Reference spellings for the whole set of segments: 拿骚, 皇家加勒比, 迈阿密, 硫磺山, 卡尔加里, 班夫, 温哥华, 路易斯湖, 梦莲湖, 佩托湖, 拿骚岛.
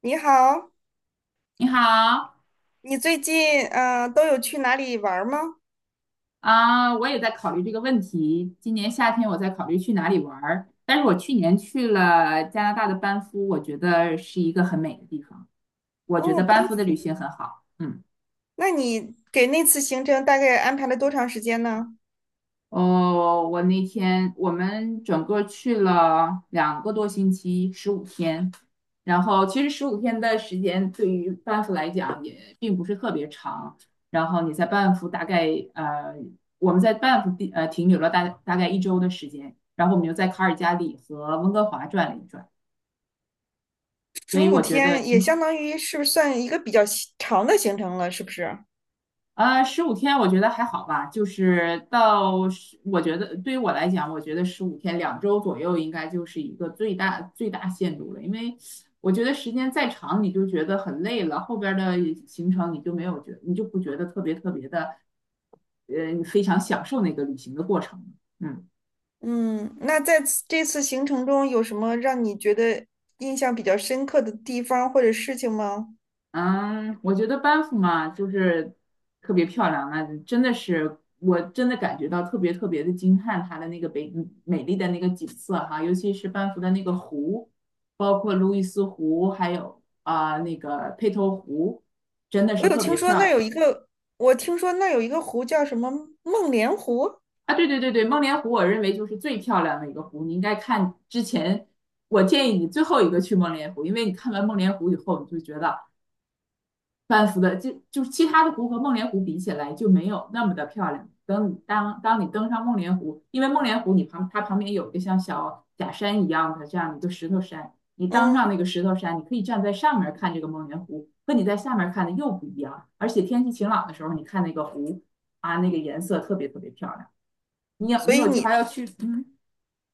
你好，你好你最近都有去哪里玩儿吗？啊，我也在考虑这个问题。今年夏天我在考虑去哪里玩儿，但是我去年去了加拿大的班夫，我觉得是一个很美的地方。我觉哦，得班班夫的夫。旅行很好。嗯。那你给那次行程大概安排了多长时间呢？哦，我那天我们整个去了2个多星期，十五天。然后其实十五天的时间对于班夫来讲也并不是特别长。然后你在班夫大概呃，我们在班夫地停留了大概一周的时间，然后我们又在卡尔加里和温哥华转了一转，所十以五我觉得天也挺相好。当于是不算一个比较西长的行程了，是不是？十五天我觉得还好吧，就是到十，我觉得对于我来讲，我觉得十五天2周左右应该就是一个最大最大限度了，因为我觉得时间再长你就觉得很累了，后边儿的行程你就没有觉，你就不觉得特别特别的，非常享受那个旅行的过程了嗯。嗯，那在此这次行程中有什么让你觉得印象比较深刻的地方或者事情吗？嗯，我觉得班夫嘛，就是特别漂亮啊，真的是，我真的感觉到特别特别的惊叹它的那个美美丽的那个景色哈，尤其是班夫的那个湖，包括路易斯湖，还有啊、那个佩托湖，真的我是有特听别说那漂儿有亮一个，我听说那儿有一个湖叫什么梦莲湖。啊！对对对对，梦莲湖我认为就是最漂亮的一个湖，你应该看之前，我建议你最后一个去梦莲湖，因为你看完梦莲湖以后，你就觉得。半幅的，就是其他的湖和梦莲湖比起来就没有那么的漂亮。等你当你登上梦莲湖，因为梦莲湖你它旁边有一个像小假山一样的这样一个石头山，你当上嗯，那个石头山，你可以站在上面看这个梦莲湖，和你在下面看的又不一样。而且天气晴朗的时候，你看那个湖啊，那个颜色特别特别漂亮。你有所你以有计划你要去嗯。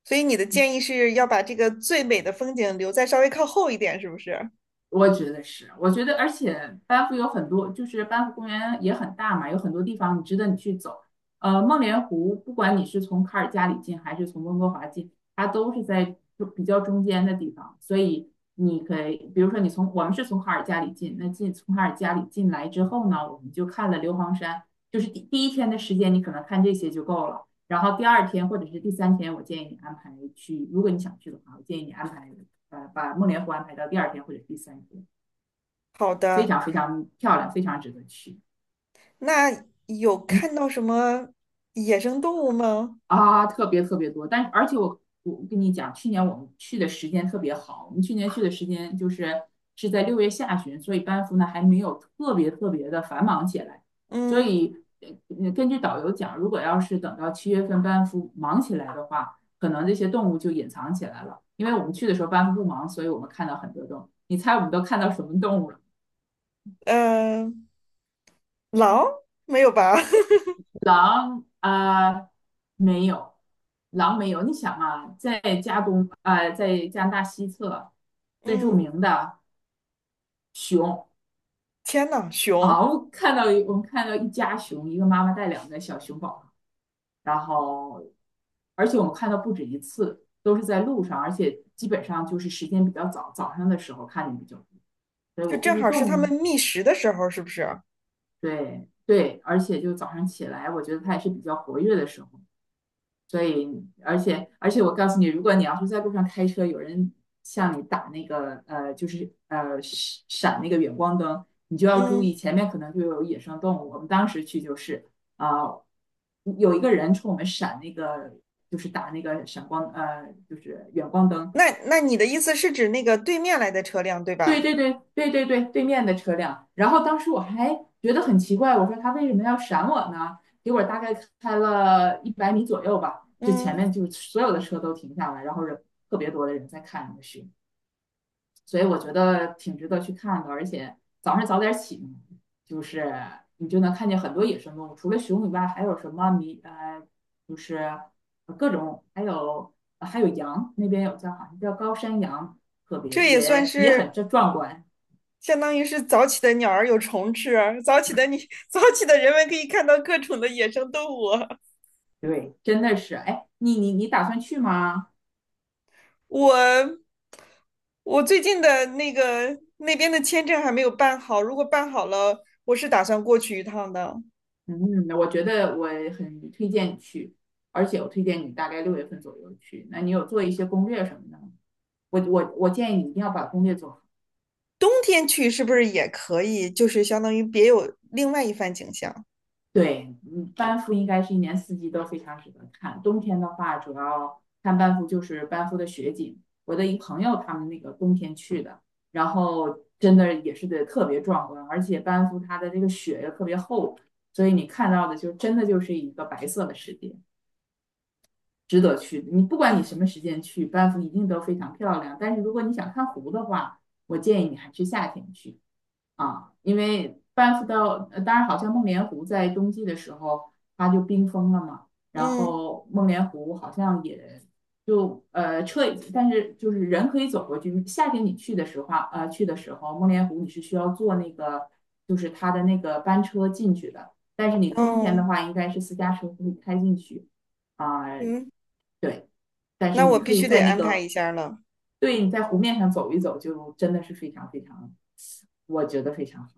所以你的建议是要把这个最美的风景留在稍微靠后一点，是不是？我觉得是，我觉得，而且班夫有很多，就是班夫公园也很大嘛，有很多地方你值得你去走。梦莲湖，不管你是从卡尔加里进还是从温哥华进，它都是在就比较中间的地方，所以你可以，比如说我们是从卡尔加里进，那从卡尔加里进来之后呢，我们就看了硫磺山，就是第一天的时间，你可能看这些就够了。然后第二天或者是第三天，我建议你安排去，如果你想去的话，我建议你安排。把梦莲湖安排到第二天或者第三天，好非的。常非常漂亮，非常值得去。那有嗯看到什么野生动物吗？啊，特别特别多，但而且我跟你讲，去年我们去的时间特别好，我们去年去的时间就是在6月下旬，所以班夫呢还没有特别特别的繁忙起来，所嗯，以根据导游讲，如果要是等到7月份班夫忙起来的话，可能这些动物就隐藏起来了，因为我们去的时候班夫不忙，所以我们看到很多动物。你猜我们都看到什么动物了？呃，狼没有吧？狼啊、没有，狼没有。你想啊，在加东啊、在加拿大西侧最著嗯，名的熊天呐，啊，熊。我们看到一家熊，一个妈妈带两个小熊宝，然后而且我们看到不止一次，都是在路上，而且基本上就是时间比较早，早上的时候看见比较多。所以就我估正计好是动它们物，觅食的时候，是不是？对对，而且就早上起来，我觉得它也是比较活跃的时候。所以，而且我告诉你，如果你要是在路上开车，有人向你打那个就是闪闪那个远光灯，你就要注意嗯，前面可能就有野生动物。我们当时去就是啊、有一个人冲我们闪那个，就是打那个闪光，就是远光灯，那那你的意思是指那个对面来的车辆，对对吧？对对对对对，对面的车辆。然后当时我还觉得很奇怪，我说他为什么要闪我呢？结果大概开了100米左右吧，就前嗯，面就所有的车都停下来，然后特别多的人在看那个雪，所以我觉得挺值得去看的。而且早上早点起嘛，就是你就能看见很多野生动物，除了熊以外，还有什么就是各种，还有羊，那边有好像叫高山羊，特别这也算也很是这壮观。相当于是早起的鸟儿有虫吃，早起的你 早起的人们可以看到各种的野生动物。对，真的是，哎，你打算去吗？我我最近的那个那边的签证还没有办好，如果办好了，我是打算过去一趟的。嗯，我觉得我很推荐你去，而且我推荐你大概6月份左右去。那你有做一些攻略什么的吗？我建议你一定要把攻略做好。冬天去是不是也可以？就是相当于别有另外一番景象。对，嗯，班夫应该是一年四季都非常值得看。冬天的话，主要看班夫就是班夫的雪景。我的一朋友他们那个冬天去的，然后真的也是得特别壮观，而且班夫它的这个雪又特别厚，所以你看到的就真的就是一个白色的世界，值得去。不管你什啊，么时间去，班夫一定都非常漂亮。但是如果你想看湖的话，我建议你还是夏天去。啊，因为班夫到，当然好像梦莲湖在冬季的时候它就冰封了嘛，然嗯后梦莲湖好像也就车，但是就是人可以走过去。夏天你去的时候啊，去的时候，梦莲湖你是需要坐那个就是它的那个班车进去的，但是你冬天的嗯话应该是私家车会开进去啊，嗯，对，但是那我你可必以须得在那安排个一下了，对你在湖面上走一走，就真的是非常非常，我觉得非常好。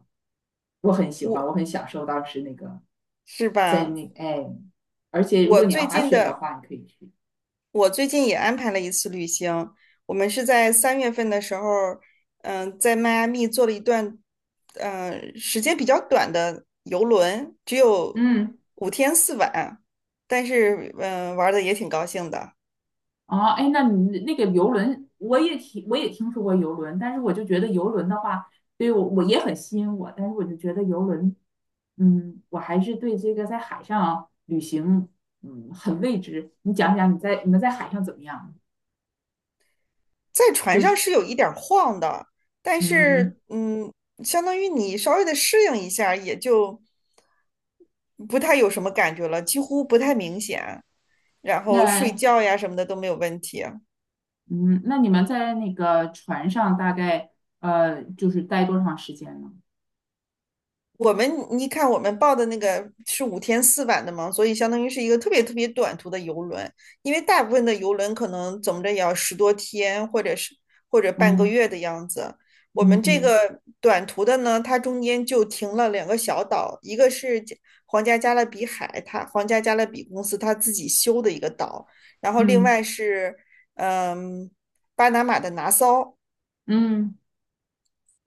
我很喜我欢，我很享受当时那个是在吧？那哎，而且如我果你要最滑近雪的的话，你可以去。我最近也安排了一次旅行，我们是在3月份的时候，在迈阿密做了一段，嗯，时间比较短的游轮，只有嗯，五天四晚，但是玩的也挺高兴的。哦，哎，那你那个游轮，我也听说过游轮，但是我就觉得游轮的话，对我也很吸引我，但是我就觉得游轮，嗯，我还是对这个在海上旅行，嗯，很未知。你讲讲你们在海上怎么样？在船就上是，是有一点儿晃的，但嗯，是相当于你稍微的适应一下儿也就不太有什么感觉了，几乎不太明显。然后睡那觉呀什么的都没有问题。嗯，那你们在那个船上大概就是待多长时间呢？我们你看，我们报的那个是五天四晚的嘛，所以相当于是一个特别特别短途的游轮，因为大部分的游轮可能怎么着也要10多天，或者是或者半个嗯。月的样子。我嗯们这嗯个短途的呢，它中间就停了两个小岛，一个是加皇家加勒比海，它皇家加勒比公司它自己修的一个岛，然后另嗯外是嗯巴拿马的拿骚。嗯，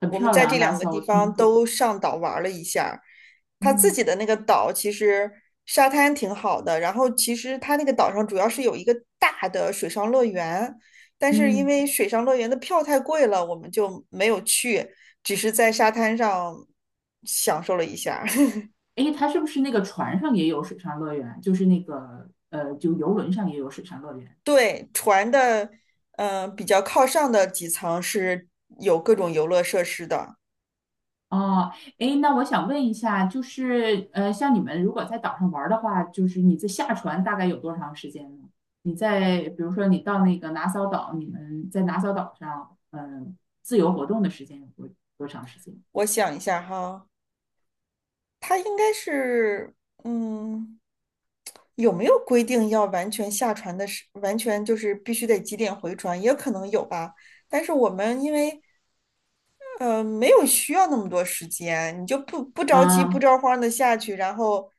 很我们漂在这亮，拉两个萨地我听方说都过。上岛玩了一下。他自嗯，己的那个岛其实沙滩挺好的，然后其实他那个岛上主要是有一个大的水上乐园，但是因嗯，为水上乐园的票太贵了，我们就没有去，只是在沙滩上享受了一下 诶，它是不是那个船上也有水上乐园？就是那个就游轮上也有水上乐园。对，船的，比较靠上的几层是有各种游乐设施的。哦，诶，那我想问一下，就是像你们如果在岛上玩儿的话，就是你这下船大概有多长时间呢？比如说你到那个拿骚岛，你们在拿骚岛上，自由活动的时间有多长时间？我想一下哈。他应该是，嗯，有没有规定要完全下船的时，完全就是必须得几点回船，也可能有吧。但是我们因为，没有需要那么多时间，你就不着急、不啊、着慌的下去，然后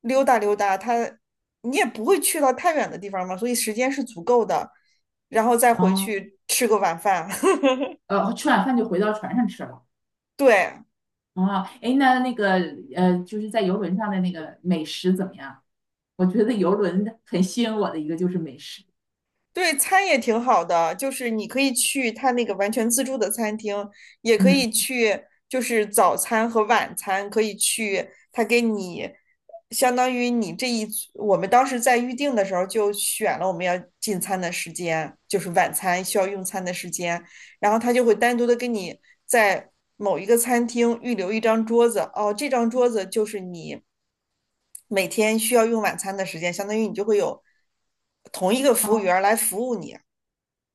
溜达溜达，他你也不会去到太远的地方嘛，所以时间是足够的，然后再回啊，去吃个晚饭。吃晚饭就回到船上吃了。对，哦，哎，那个就是在游轮上的那个美食怎么样？我觉得游轮很吸引我的一个就是美食。对，餐也挺好的，就是你可以去他那个完全自助的餐厅，也可嗯，以去，就是早餐和晚餐可以去，他给你相当于你这一组我们当时在预定的时候就选了我们要进餐的时间，就是晚餐需要用餐的时间，然后他就会单独的跟你在某一个餐厅预留一张桌子，哦，这张桌子就是你每天需要用晚餐的时间，相当于你就会有同一个哦，服务员来服务你。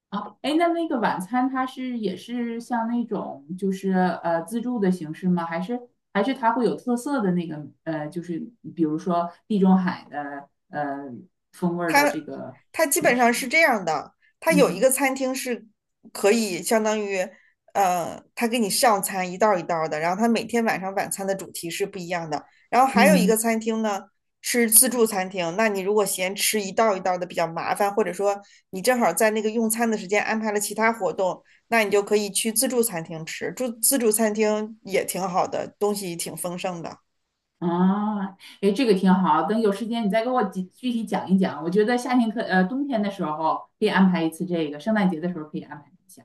哦，哎，那个晚餐它是也是像那种就是自助的形式吗？还是它会有特色的那个就是比如说地中海的风味儿的这它个它基美本上是食？这样的，它有一嗯个餐厅是可以相当于，他给你上餐一道儿一道儿的，然后他每天晚上晚餐的主题是不一样的。然后还有一个嗯。餐厅呢是自助餐厅，那你如果嫌吃一道儿一道儿的比较麻烦，或者说你正好在那个用餐的时间安排了其他活动，那你就可以去自助餐厅吃。住自助餐厅也挺好的，东西挺丰盛的。啊，哎，这个挺好。等有时间你再给我具体讲一讲。我觉得夏天冬天的时候可以安排一次这个，圣诞节的时候可以安排一下。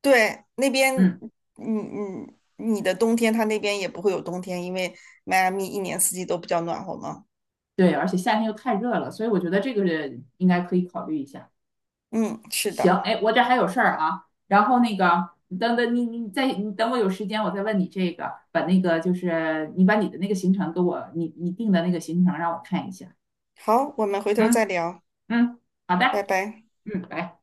对，那边，嗯，嗯嗯，你的冬天，它那边也不会有冬天，因为迈阿密一年四季都比较暖和嘛。对，而且夏天又太热了，所以我觉得这个是应该可以考虑一下。嗯，是行，的。哎，我这还有事儿啊。然后那个，等等你再你等我有时间，我再问你这个，把那个就是你把你的那个行程给我，你定的那个行程让我看一下。好，我们回头再嗯聊，嗯，好拜的，拜。嗯，拜。